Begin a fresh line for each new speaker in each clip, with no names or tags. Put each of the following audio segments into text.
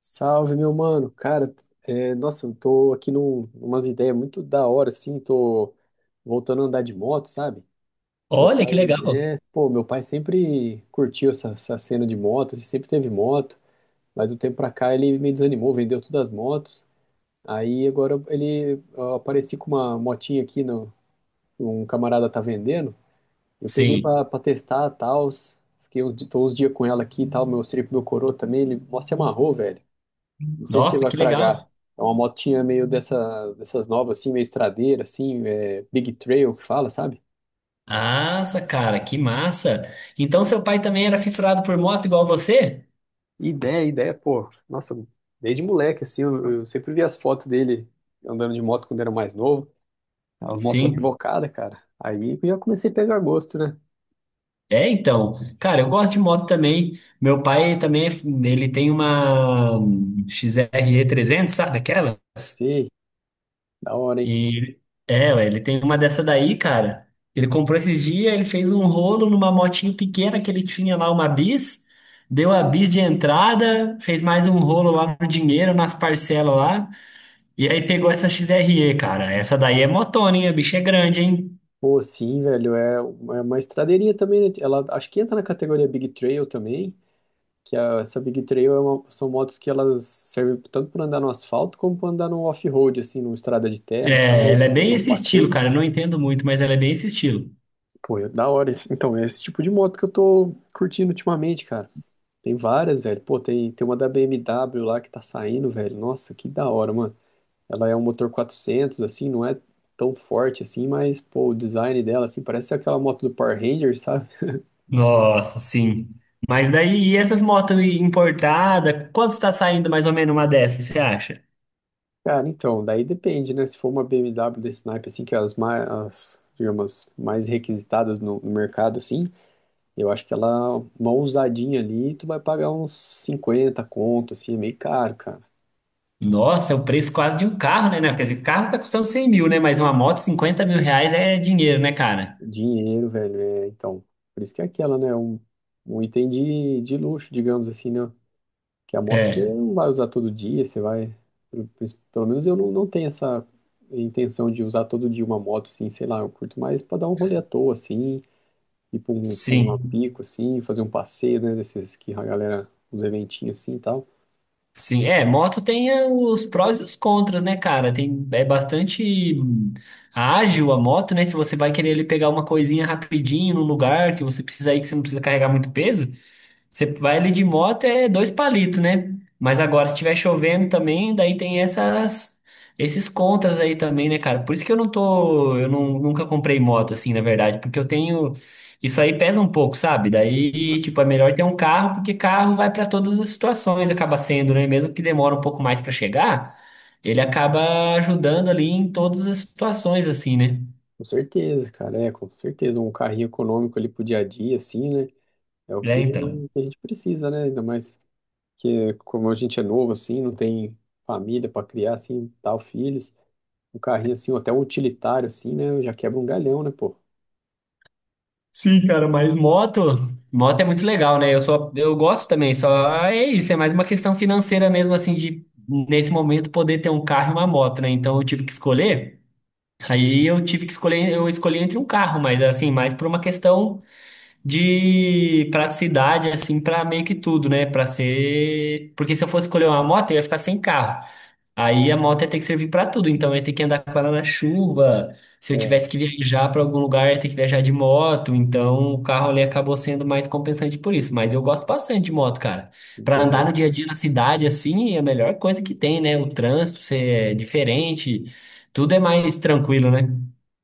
Salve, meu mano. Cara, é, nossa, eu tô aqui umas ideias muito da hora, assim. Tô voltando a andar de moto, sabe? Meu
Olha que
pai,
legal.
meu pai sempre curtiu essa cena de moto, ele sempre teve moto, mas um tempo pra cá ele me desanimou, vendeu todas as motos. Aí agora eu apareci com uma motinha aqui, no, um camarada tá vendendo. Eu peguei
Sim.
pra testar, tal. Tô uns dias com ela aqui e tal. Meu coroa também, ele mó se amarrou, velho. Não sei se você
Nossa,
vai
que legal.
fragar. É uma motinha meio dessas novas, assim, meio estradeira, assim, Big Trail que fala, sabe?
Nossa, cara, que massa. Então seu pai também era fissurado por moto igual você?
Ideia, ideia, pô. Nossa, desde moleque, assim, eu sempre vi as fotos dele andando de moto quando era mais novo. As motos
Sim.
invocadas, cara. Aí eu já comecei a pegar gosto, né?
É, então. Cara, eu gosto de moto também. Meu pai também, ele tem uma XRE 300, sabe aquela?
Sei, da hora, hein?
E é, ué, ele tem uma dessa daí, cara. Ele comprou esses dias, ele fez um rolo numa motinho pequena que ele tinha lá, uma bis, deu a bis de entrada, fez mais um rolo lá no dinheiro, nas parcelas lá. E aí pegou essa XRE, cara. Essa daí é motona, hein? A bicha é grande, hein?
Pô, sim, velho, é uma estradeirinha também, né? Ela acho que entra na categoria Big Trail também. Essa Big Trail são motos que elas servem tanto para andar no asfalto como para andar no off-road, assim, numa estrada de terra,
É,
tal,
ela é
fazer
bem
uns
esse estilo,
passeios.
cara. Eu não entendo muito, mas ela é bem esse estilo.
Pô, é da hora. Então, é esse tipo de moto que eu tô curtindo ultimamente, cara. Tem várias, velho. Pô, tem uma da BMW lá que tá saindo, velho. Nossa, que da hora, mano. Ela é um motor 400 assim, não é tão forte assim, mas, pô, o design dela, assim, parece aquela moto do Power Rangers, sabe?
Nossa, sim. Mas daí, e essas motos importadas? Quanto está saindo mais ou menos uma dessas, você acha?
Cara, então, daí depende, né? Se for uma BMW desse naipe, assim, que é as mais, as, digamos, mais requisitadas no mercado, assim, eu acho que uma ousadinha ali, tu vai pagar uns 50 conto, assim, é meio caro, cara.
Nossa, é o preço quase de um carro, né? né? Quer dizer, carro tá custando 100 mil, né? Mas uma moto, 50 mil reais é dinheiro, né, cara?
Dinheiro, velho, então, por isso que é aquela, né? Um item de luxo, digamos assim, né? Que a moto você
É,
não vai usar todo dia, você vai, pelo, pelo menos eu não tenho essa intenção de usar todo dia uma moto, assim, sei lá, eu curto mais pra dar um rolê à toa, assim, ir pra um
sim.
pico, assim, fazer um passeio, né, desses que a galera, uns eventinhos assim e tal.
Sim, é, moto tem os prós e os contras, né, cara? Tem, é bastante ágil a moto, né? Se você vai querer ele pegar uma coisinha rapidinho num lugar que você precisa ir, que você não precisa carregar muito peso, você vai ali de moto é dois palitos, né? Mas agora, se estiver chovendo também, daí tem esses contras aí também, né, cara? Por isso que eu não, nunca comprei moto assim, na verdade, porque eu tenho, isso aí pesa um pouco, sabe? Daí, tipo, é melhor ter um carro, porque carro vai pra todas as situações, acaba sendo, né? Mesmo que demora um pouco mais pra chegar, ele acaba ajudando ali em todas as situações, assim, né?
Com certeza, cara, com certeza. Um carrinho econômico ali pro dia a dia, assim, né, é o
Né,
que,
então.
que a gente precisa, né, ainda mais que como a gente é novo, assim, não tem família para criar, assim, tal, filhos. Um carrinho, assim, ou até um utilitário, assim, né, já quebra um galhão, né, pô.
Sim, cara, moto é muito legal, né? Eu só, eu gosto também, só é isso, é mais uma questão financeira mesmo, assim, de nesse momento poder ter um carro e uma moto, né? Então eu tive que escolher, aí eu tive que escolher, eu escolhi entre um carro, mas assim, mais por uma questão de praticidade, assim, pra meio que tudo, né? Pra ser. Porque se eu fosse escolher uma moto, eu ia ficar sem carro. Aí a moto ia ter que servir pra tudo. Então eu ia ter que andar com ela na chuva. Se eu
É,
tivesse que viajar pra algum lugar, eu ia ter que viajar de moto. Então o carro ali acabou sendo mais compensante por isso. Mas eu gosto bastante de moto, cara. Pra andar no dia a dia na cidade, assim, é a melhor coisa que tem, né? O trânsito ser diferente. Tudo é mais tranquilo, né?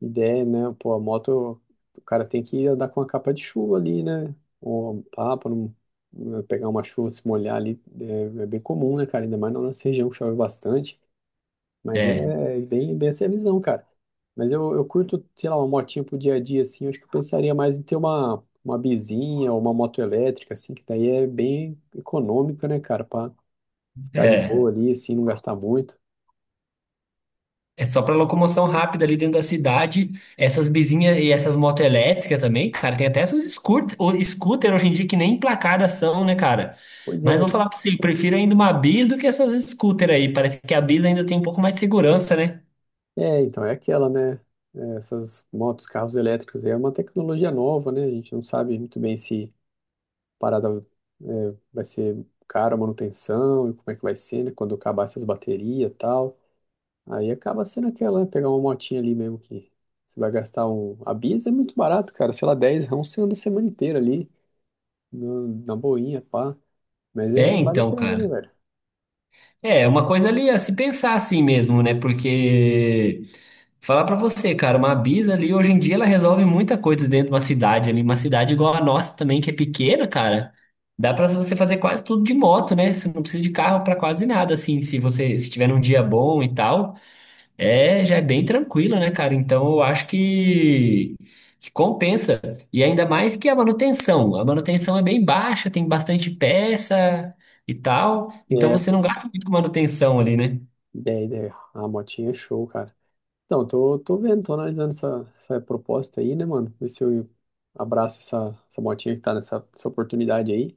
ideia, né? Pô, a moto, o cara tem que andar com a capa de chuva ali, né? Ou pá, pra não pegar uma chuva, se molhar ali, é bem comum, né, cara? Ainda mais na nossa região que chove bastante. Mas é
É,
é bem essa é a visão, cara. Mas eu curto, sei lá, uma motinha pro dia a dia, assim. Eu acho que eu pensaria mais em ter uma bizinha ou uma moto elétrica, assim, que daí é bem econômica, né, cara? Pra ficar de
é.
boa ali, assim, não gastar muito.
É só pra locomoção rápida ali dentro da cidade. Essas bizinhas e essas motos elétricas também, cara. Tem até essas scooter, scooter hoje em dia que nem placadas são, né, cara?
Pois
Mas
é.
vou falar pra você, eu prefiro ainda uma bis do que essas scooter aí. Parece que a bis ainda tem um pouco mais de segurança, né?
É, então, é aquela, né? É, essas motos, carros elétricos aí é uma tecnologia nova, né? A gente não sabe muito bem se a parada vai ser cara a manutenção e como é que vai ser, né? Quando acabar essas baterias e tal. Aí acaba sendo aquela, né? Pegar uma motinha ali mesmo que você vai gastar um. A Biz é muito barato, cara. Sei lá, 10, rão você anda a semana inteira ali, na boinha, pá. Mas é,
É,
vale a
então,
pena, né,
cara.
velho?
É, é uma coisa ali a se pensar assim mesmo, né? Porque falar pra você, cara, uma Bisa ali, hoje em dia ela resolve muita coisa dentro de uma cidade ali, uma cidade igual a nossa também, que é pequena, cara. Dá pra você fazer quase tudo de moto, né? Você não precisa de carro pra quase nada, assim, se você se tiver num dia bom e tal, é, já é bem tranquilo, né, cara? Então eu acho que compensa. E ainda mais que a manutenção é bem baixa, tem bastante peça e tal, então
É,
você
pô,
não gasta muito com manutenção ali, né?
ideia, ideia. A motinha é show, cara. Então, tô vendo, tô analisando essa proposta aí, né, mano? Ver se eu abraço essa motinha que tá nessa essa oportunidade aí.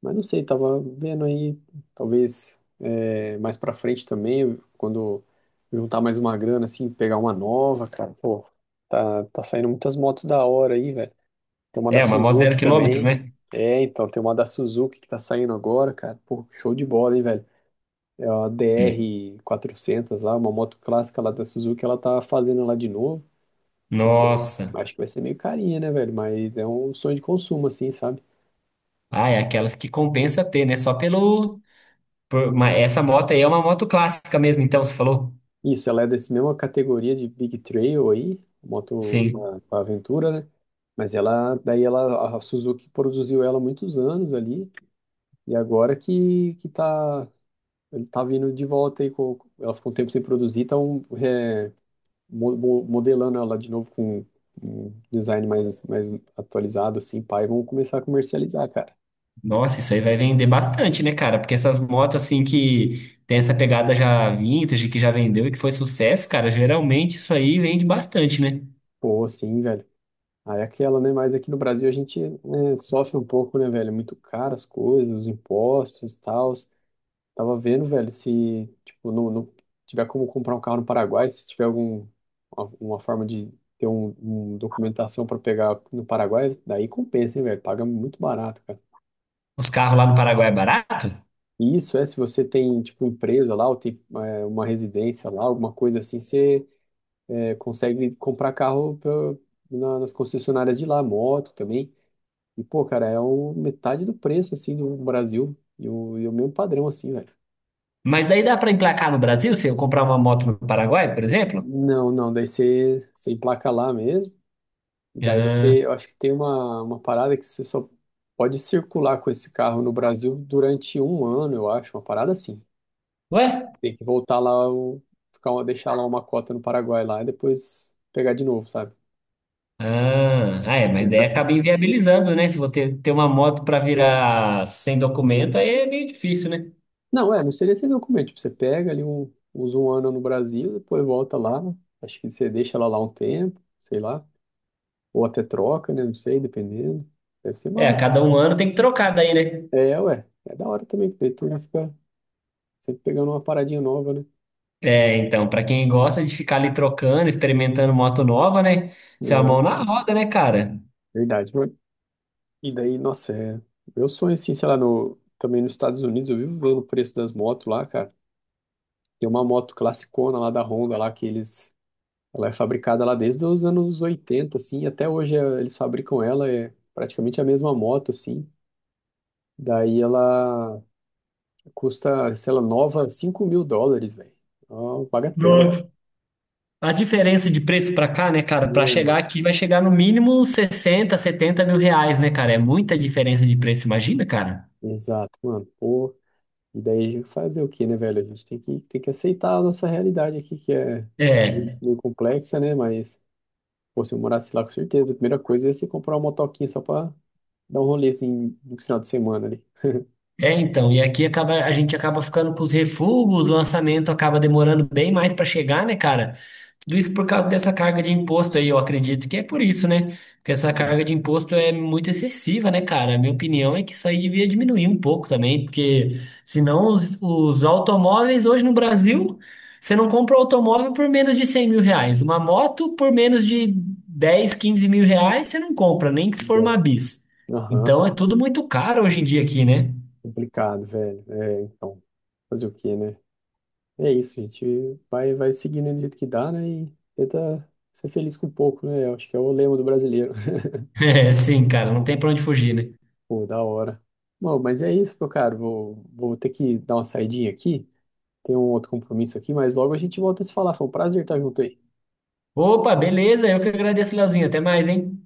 Mas não sei, tava vendo aí, talvez mais pra frente também, quando juntar mais uma grana, assim, pegar uma nova, cara. Pô, tá saindo muitas motos da hora aí, velho. Tem uma da
É, uma moto zero
Suzuki
quilômetro,
também.
né?
É, então, tem uma da Suzuki que tá saindo agora, cara. Pô, show de bola, hein, velho? É a
É.
DR400 lá, uma moto clássica lá da Suzuki, ela tá fazendo lá de novo. Bom,
Nossa.
acho que vai ser meio carinha, né, velho? Mas é um sonho de consumo, assim, sabe?
Ah, é aquelas que compensa ter, né? Só pelo. Essa moto aí é uma moto clássica mesmo, então, você falou?
Isso, ela é dessa mesma categoria de Big Trail aí, moto
Sim.
pra aventura, né? A Suzuki produziu ela há muitos anos ali, e agora que tá, ele tá vindo de volta aí, ela ficou um tempo sem produzir, estão modelando ela de novo com um design mais atualizado, assim, pá, e vão começar a comercializar, cara.
Nossa, isso aí vai vender bastante, né, cara? Porque essas motos, assim, que tem essa pegada já vintage, que já vendeu e que foi sucesso, cara, geralmente isso aí vende bastante, né?
Pô, sim, velho. Aí é aquela, né? Mas aqui no Brasil a gente, né, sofre um pouco, né, velho? É muito caro as coisas, os impostos e tal. Tava vendo, velho, se, tipo, não tiver como comprar um carro no Paraguai, se tiver algum, uma forma de ter um documentação para pegar no Paraguai, daí compensa, hein, velho? Paga muito barato, cara.
Os carros lá no Paraguai é barato,
E isso é se você tem, tipo, empresa lá, ou tem, uma residência lá, alguma coisa assim, você, consegue comprar carro nas concessionárias de lá, moto também. E, pô, cara, é o metade do preço, assim, do Brasil. E o mesmo padrão, assim, velho.
mas daí dá pra emplacar no Brasil se eu comprar uma moto no Paraguai, por exemplo?
Não, não, daí você emplaca lá mesmo. E daí
Ah,
eu acho que tem uma parada que você só pode circular com esse carro no Brasil durante um ano, eu acho, uma parada assim.
ué?
Tem que voltar lá, ficar, deixar lá uma cota no Paraguai lá e depois pegar de novo, sabe?
Ah, ah, é,
Tem
mas
essa
daí acaba
fita.
inviabilizando, né? Se você ter uma moto para virar sem documento, aí é meio difícil, né?
Não, não seria esse documento. Tipo, você pega ali, usa um ano no Brasil, depois volta lá. Acho que você deixa ela lá um tempo, sei lá. Ou até troca, né? Não sei, dependendo. Deve ser
É, a
massa.
cada um ano tem que trocar daí, né?
É, ué. É da hora também, porque daí tu já fica sempre pegando uma paradinha nova, né?
É, então, para quem gosta de ficar ali trocando, experimentando moto nova, né? Isso é a mão
É,
na roda, né, cara?
verdade. E daí, nossa, é. Meu sonho, assim, sei lá, no, também nos Estados Unidos, eu vivo vendo o preço das motos lá, cara. Tem uma moto classicona lá da Honda, lá que eles. Ela é fabricada lá desde os anos 80, assim, até hoje eles fabricam ela, é praticamente a mesma moto, assim. Daí ela custa, sei lá, nova US$ 5.000, velho. Ó, bagatela,
Nossa. A diferença de preço para cá, né, cara? Para
né, mano?
chegar aqui vai chegar no mínimo 60, 70 mil reais, né, cara? É muita diferença de preço, imagina, cara?
Exato, mano. Pô, e daí a gente fazer o quê, né, velho? A gente tem que aceitar a nossa realidade aqui, que é muito,
É.
meio complexa, né? Mas, pô, se eu morasse lá, com certeza, a primeira coisa ia ser comprar uma motoquinha só pra dar um rolê, assim, no final de semana ali.
É, então, e aqui a gente acaba ficando com os refugos, o lançamento acaba demorando bem mais para chegar, né, cara? Tudo isso por causa dessa carga de imposto aí, eu acredito que é por isso, né? Porque essa
Bom,
carga de imposto é muito excessiva, né, cara? A minha opinião é que isso aí devia diminuir um pouco também, porque senão os automóveis hoje no Brasil, você não compra um automóvel por menos de 100 mil reais. Uma moto por menos de 10, 15 mil reais, você não compra, nem que se for uma
bom.
bis.
Aham,
Então é tudo muito caro hoje em dia aqui, né?
complicado, velho. É, então, fazer o quê, né? É isso, a gente vai seguindo do jeito que dá, né? E tenta ser feliz com pouco, né? Eu acho que é o lema do brasileiro.
É, sim, cara, não tem pra onde fugir, né?
Pô, da hora. Bom, mas é isso, meu caro. Vou ter que dar uma saidinha aqui. Tem um outro compromisso aqui, mas logo a gente volta a se falar. Foi um prazer estar junto aí.
Opa, beleza, eu que agradeço, Leozinho. Até mais, hein?